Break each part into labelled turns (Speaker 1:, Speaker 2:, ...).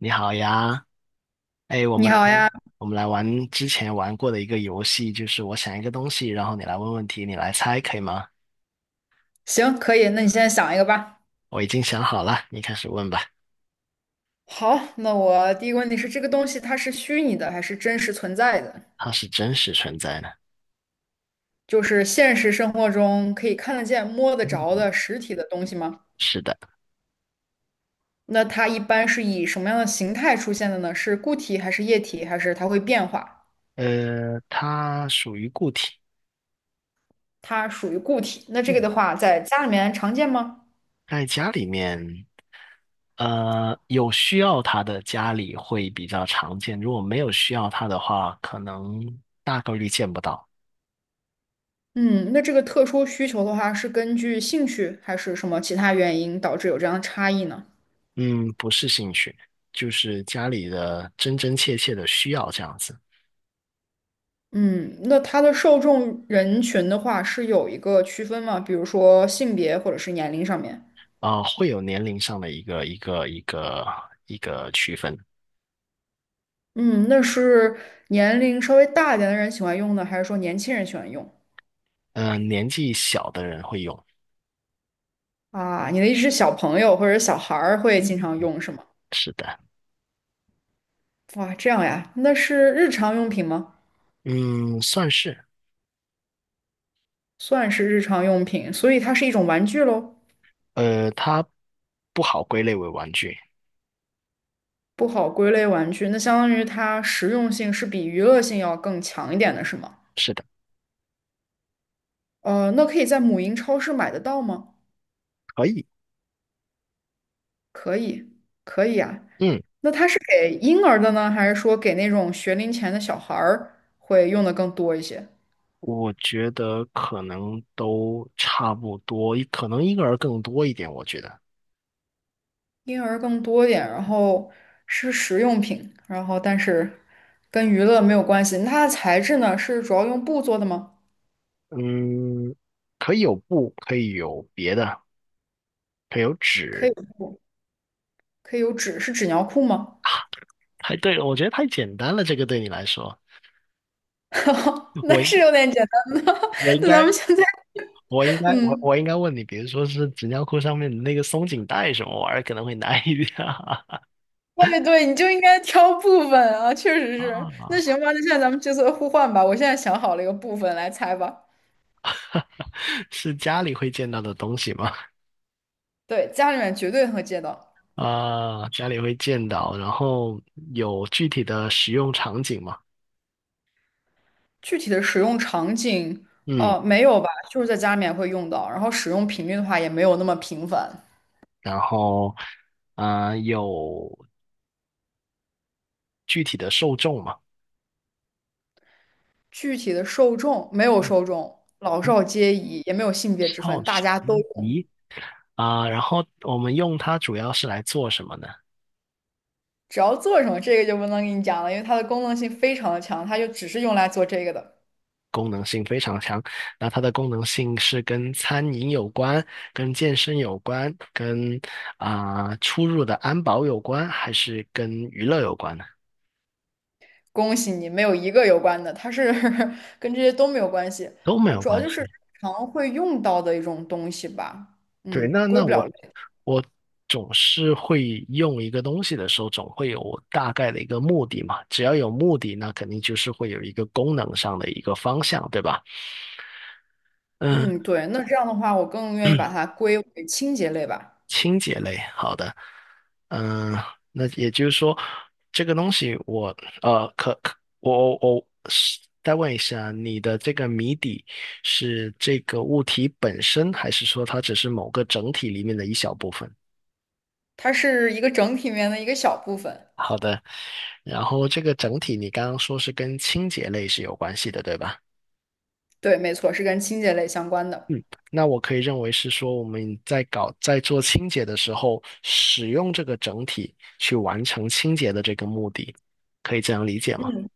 Speaker 1: 你好呀，哎，我
Speaker 2: 你
Speaker 1: 们来
Speaker 2: 好呀，
Speaker 1: 我们来玩之前玩过的一个游戏，就是我想一个东西，然后你来问问题，你来猜，可以吗？
Speaker 2: 行，可以，那你现在想一个吧。
Speaker 1: 我已经想好了，你开始问吧。
Speaker 2: 好，那我第一个问题是，这个东西它是虚拟的还是真实存在的？
Speaker 1: 它是真实存在的。
Speaker 2: 就是现实生活中可以看得见、摸得着
Speaker 1: 嗯，
Speaker 2: 的实体的东西吗？
Speaker 1: 是的。
Speaker 2: 那它一般是以什么样的形态出现的呢？是固体还是液体，还是它会变化？
Speaker 1: 它属于固体。
Speaker 2: 它属于固体。那这个
Speaker 1: 嗯，
Speaker 2: 的话，在家里面常见吗？
Speaker 1: 在家里面，有需要它的家里会比较常见，如果没有需要它的话，可能大概率见不到。
Speaker 2: 嗯，那这个特殊需求的话，是根据兴趣还是什么其他原因导致有这样的差异呢？
Speaker 1: 嗯，不是兴趣，就是家里的真真切切的需要这样子。
Speaker 2: 嗯，那它的受众人群的话是有一个区分吗？比如说性别或者是年龄上面？
Speaker 1: 啊、会有年龄上的一个区分。
Speaker 2: 嗯，那是年龄稍微大一点的人喜欢用呢，还是说年轻人喜欢用？
Speaker 1: 嗯、年纪小的人会用。
Speaker 2: 啊，你的意思是小朋友或者小孩儿会经
Speaker 1: 嗯，
Speaker 2: 常用是吗？
Speaker 1: 是的。
Speaker 2: 哇，这样呀，那是日常用品吗？
Speaker 1: 嗯，算是。
Speaker 2: 算是日常用品，所以它是一种玩具喽，
Speaker 1: 它不好归类为玩具。
Speaker 2: 不好归类玩具。那相当于它实用性是比娱乐性要更强一点的是吗？
Speaker 1: 是的。
Speaker 2: 那可以在母婴超市买得到吗？
Speaker 1: 可以。
Speaker 2: 可以，可以啊。
Speaker 1: 嗯，
Speaker 2: 那它是给婴儿的呢，还是说给那种学龄前的小孩儿会用的更多一些？
Speaker 1: 我觉得可能都差不多，可能婴儿更多一点，我觉得。
Speaker 2: 婴儿更多一点，然后是食用品，然后但是跟娱乐没有关系。那它的材质呢，是主要用布做的吗？
Speaker 1: 嗯，可以有布，可以有别的，可以有
Speaker 2: 可以
Speaker 1: 纸。
Speaker 2: 有布，可以有纸，是纸尿裤吗？
Speaker 1: 啊，太对了，我觉得太简单了，这个对你来说，我
Speaker 2: 那
Speaker 1: 应
Speaker 2: 是有点简单的。
Speaker 1: 我 应
Speaker 2: 那咱
Speaker 1: 该
Speaker 2: 们现在，
Speaker 1: 我应该我
Speaker 2: 嗯，
Speaker 1: 我应该问你，比如说是纸尿裤上面的那个松紧带什么玩意儿，可能会难一点啊。
Speaker 2: 对对，你就应该挑部分啊，确实 是。那
Speaker 1: 啊，
Speaker 2: 行吧，那现在咱们角色互换吧。我现在想好了一个部分来猜吧。
Speaker 1: 是家里会见到的东西吗？
Speaker 2: 对，家里面绝对会见到。
Speaker 1: 啊，家里会见到，然后有具体的使用场景吗？
Speaker 2: 具体的使用场景，
Speaker 1: 嗯，
Speaker 2: 没有吧，就是在家里面会用到，然后使用频率的话也没有那么频繁。
Speaker 1: 然后啊，有具体的受众吗？
Speaker 2: 具体的受众没有受众，老
Speaker 1: 嗯，
Speaker 2: 少皆宜，也没有性别之
Speaker 1: 好
Speaker 2: 分，大
Speaker 1: 奇
Speaker 2: 家都用。
Speaker 1: 仪啊，然后我们用它主要是来做什么呢？
Speaker 2: 只要做什么，这个就不能给你讲了，因为它的功能性非常的强，它就只是用来做这个的。
Speaker 1: 功能性非常强。那它的功能性是跟餐饮有关、跟健身有关、跟啊、出入的安保有关，还是跟娱乐有关呢？
Speaker 2: 恭喜你，没有一个有关的，它是 跟这些都没有关系
Speaker 1: 都没
Speaker 2: 啊，
Speaker 1: 有
Speaker 2: 主要
Speaker 1: 关
Speaker 2: 就是日
Speaker 1: 系。
Speaker 2: 常会用到的一种东西吧。
Speaker 1: 对，
Speaker 2: 嗯，
Speaker 1: 那
Speaker 2: 归
Speaker 1: 那
Speaker 2: 不了
Speaker 1: 我
Speaker 2: 类。
Speaker 1: 我总是会用一个东西的时候，总会有我大概的一个目的嘛。只要有目的，那肯定就是会有一个功能上的一个方向，对吧？嗯。
Speaker 2: 嗯，对，那这样的话，我更愿意把它归为清洁类吧。
Speaker 1: 清洁类，好的。嗯，那也就是说，这个东西我，呃，可可，我是再问一下，你的这个谜底是这个物体本身，还是说它只是某个整体里面的一小部分？
Speaker 2: 它是一个整体里面的一个小部分。
Speaker 1: 好的，然后这个整体你刚刚说是跟清洁类是有关系的，对吧？
Speaker 2: 对，没错，是跟清洁类相关的。
Speaker 1: 嗯，那我可以认为是说，我们在搞在做清洁的时候，使用这个整体去完成清洁的这个目的，可以这样理解吗？
Speaker 2: 嗯，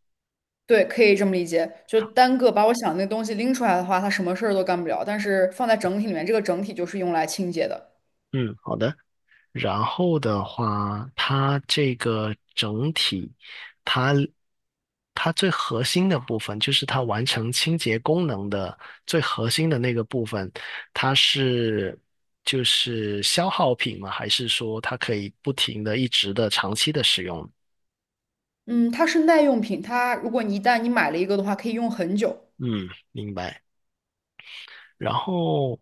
Speaker 2: 对，可以这么理解。就单个把我想的那个东西拎出来的话，它什么事儿都干不了。但是放在整体里面，这个整体就是用来清洁的。
Speaker 1: 嗯，好的。然后的话，它这个整体，它它最核心的部分，就是它完成清洁功能的最核心的那个部分，它是就是消耗品吗？还是说它可以不停的、一直的、长期的使用？
Speaker 2: 嗯，它是耐用品，它如果你一旦你买了一个的话，可以用很久。
Speaker 1: 嗯，明白。然后，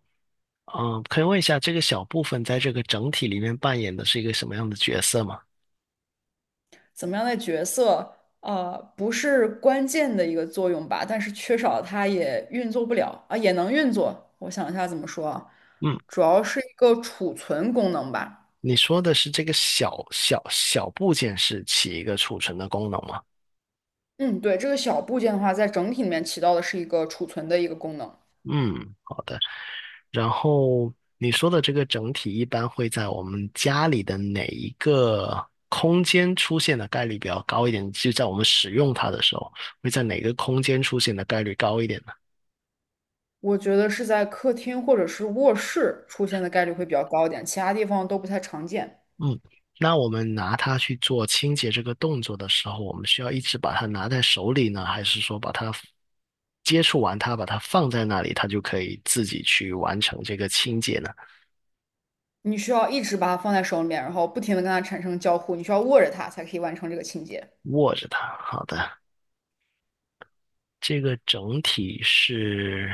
Speaker 1: 嗯、可以问一下这个小部分在这个整体里面扮演的是一个什么样的角色吗？
Speaker 2: 怎么样的角色，不是关键的一个作用吧，但是缺少它也运作不了啊，也能运作。我想一下怎么说啊，
Speaker 1: 嗯，
Speaker 2: 主要是一个储存功能吧。
Speaker 1: 你说的是这个小部件是起一个储存的功能吗？
Speaker 2: 嗯，对，这个小部件的话，在整体里面起到的是一个储存的一个功能。
Speaker 1: 嗯，好的。然后你说的这个整体一般会在我们家里的哪一个空间出现的概率比较高一点？就在我们使用它的时候，会在哪个空间出现的概率高一点？呢？
Speaker 2: 我觉得是在客厅或者是卧室出现的概率会比较高一点，其他地方都不太常见。
Speaker 1: 嗯，那我们拿它去做清洁这个动作的时候，我们需要一直把它拿在手里呢，还是说把它接触完它，把它放在那里，它就可以自己去完成这个清洁呢？
Speaker 2: 你需要一直把它放在手里面，然后不停的跟它产生交互，你需要握着它才可以完成这个清洁。
Speaker 1: 握着它，好的。这个整体是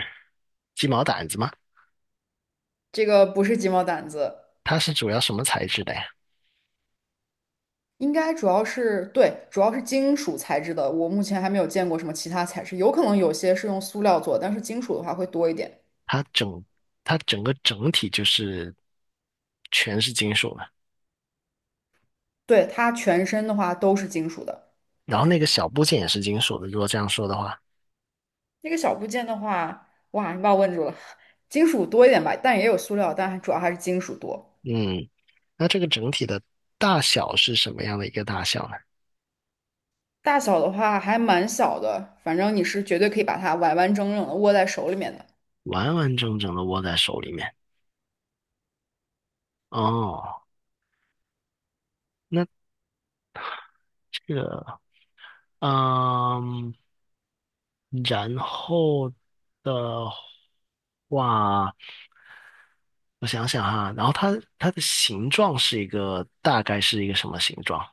Speaker 1: 鸡毛掸子吗？
Speaker 2: 这个不是鸡毛掸子，
Speaker 1: 它是主要什么材质的呀？
Speaker 2: 应该主要是，对，主要是金属材质的。我目前还没有见过什么其他材质，有可能有些是用塑料做，但是金属的话会多一点。
Speaker 1: 它整它整个整体就是全是金属的，
Speaker 2: 对，它全身的话都是金属的。
Speaker 1: 然后那个小部件也是金属的，如果这样说的话。
Speaker 2: 那个小部件的话，哇，你把我问住了。金属多一点吧，但也有塑料，但主要还是金属多。
Speaker 1: 嗯，那这个整体的大小是什么样的一个大小呢？
Speaker 2: 大小的话还蛮小的，反正你是绝对可以把它完完整整的握在手里面的。
Speaker 1: 完完整整的握在手里面。哦，那这个，嗯，然后的话，我想想哈，然后它的形状是一个大概是一个什么形状？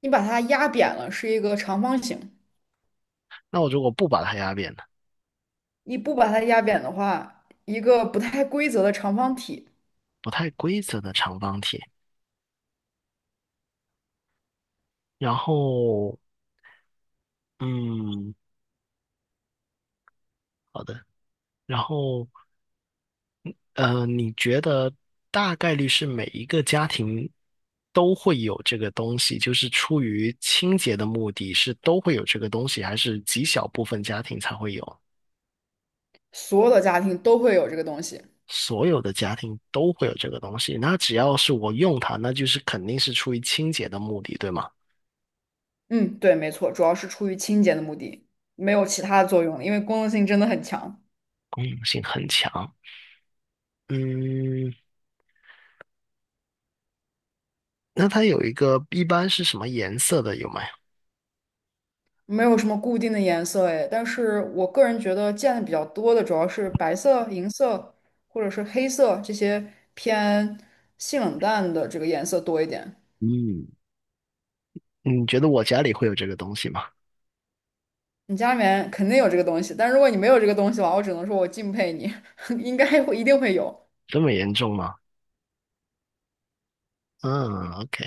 Speaker 2: 你把它压扁了是一个长方形，
Speaker 1: 那我如果不把它压扁呢？
Speaker 2: 你不把它压扁的话，一个不太规则的长方体。
Speaker 1: 不太规则的长方体。然后，嗯，好的。然后。呃，你觉得大概率是每一个家庭都会有这个东西，就是出于清洁的目的，是都会有这个东西，还是极小部分家庭才会有？
Speaker 2: 所有的家庭都会有这个东西。
Speaker 1: 所有的家庭都会有这个东西，那只要是我用它，那就是肯定是出于清洁的目的，对吗？
Speaker 2: 嗯，对，没错，主要是出于清洁的目的，没有其他的作用了因为功能性真的很强。
Speaker 1: 功能性很强。嗯，那它有一个一般是什么颜色的有没有？
Speaker 2: 没有什么固定的颜色哎，但是我个人觉得见的比较多的主要是白色、银色或者是黑色这些偏性冷淡的这个颜色多一点。
Speaker 1: 嗯，你觉得我家里会有这个东西吗？
Speaker 2: 你家里面肯定有这个东西，但如果你没有这个东西的话，我只能说我敬佩你，应该会一定会有。
Speaker 1: 这么严重吗？嗯，OK。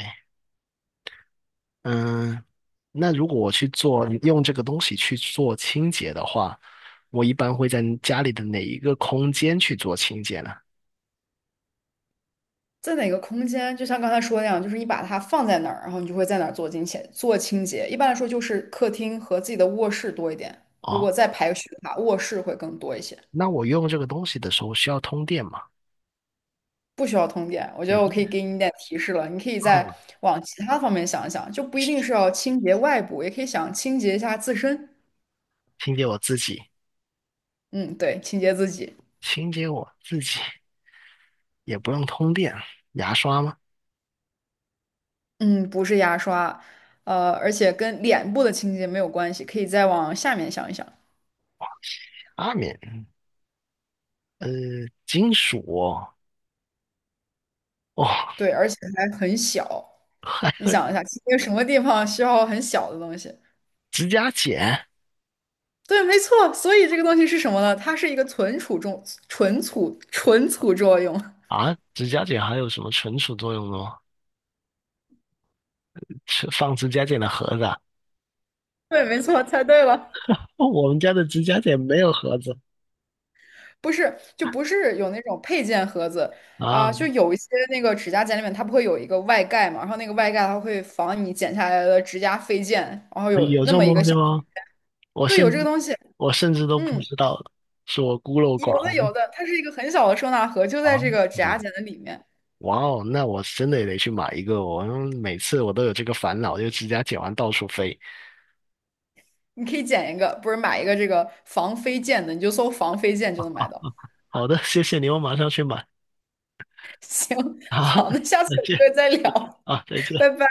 Speaker 1: 嗯，那如果我去做，用这个东西去做清洁的话，我一般会在家里的哪一个空间去做清洁呢？
Speaker 2: 在哪个空间，就像刚才说的那样，就是你把它放在哪儿，然后你就会在哪儿做清洁，做清洁。一般来说就是客厅和自己的卧室多一点，如
Speaker 1: 哦，
Speaker 2: 果再排序的话，卧室会更多一些。
Speaker 1: 那我用这个东西的时候需要通电吗？
Speaker 2: 不需要通电，我觉
Speaker 1: 也
Speaker 2: 得我
Speaker 1: 不，
Speaker 2: 可以给你一点提示了，你可以再
Speaker 1: 嗯，
Speaker 2: 往其他方面想一想，就不一定是要清洁外部，也可以想清洁一下自身。
Speaker 1: 清洁我自己，
Speaker 2: 嗯，对，清洁自己。
Speaker 1: 清洁我自己也不用通电，牙刷吗？
Speaker 2: 嗯，不是牙刷，而且跟脸部的清洁没有关系，可以再往下面想一想。
Speaker 1: 阿敏，呃，金属哦，哦，
Speaker 2: 对，而且还很小，
Speaker 1: 还
Speaker 2: 你
Speaker 1: 有
Speaker 2: 想一下，清洁什么地方需要很小的东西？
Speaker 1: 指甲剪
Speaker 2: 对，没错。所以这个东西是什么呢？它是一个存储重、存储、存储作用。
Speaker 1: 啊，指甲剪还有什么存储作用的吗？是放指甲剪的盒子啊？
Speaker 2: 对，没错，猜对了。
Speaker 1: 哦，我们家的指甲剪没有盒子。
Speaker 2: 不是，就不是有那种配件盒子
Speaker 1: 啊，
Speaker 2: 啊、就有一些那个指甲剪里面，它不会有一个外盖嘛，然后那个外盖它会防你剪下来的指甲飞溅，然后有
Speaker 1: 有这
Speaker 2: 那么
Speaker 1: 种
Speaker 2: 一个
Speaker 1: 东西
Speaker 2: 小孔
Speaker 1: 吗？我
Speaker 2: 对，有
Speaker 1: 甚
Speaker 2: 这个
Speaker 1: 至
Speaker 2: 东西，
Speaker 1: 我甚至都不
Speaker 2: 嗯，
Speaker 1: 知道，是我孤陋
Speaker 2: 有的
Speaker 1: 寡闻
Speaker 2: 有的，它是一个很小的收纳盒，就在
Speaker 1: 啊！
Speaker 2: 这个指甲剪的里面，
Speaker 1: 哇哦，那我真的也得去买一个哦，我每次我都有这个烦恼，就指甲剪完到处飞。
Speaker 2: 你可以剪一个，不是买一个这个防飞溅的，你就搜防飞溅就能买到。
Speaker 1: 好的，谢谢你，我马上去买。
Speaker 2: 行，
Speaker 1: 好，
Speaker 2: 好，那下次
Speaker 1: 再
Speaker 2: 有机
Speaker 1: 见
Speaker 2: 会再聊，
Speaker 1: 啊，再见。
Speaker 2: 拜拜。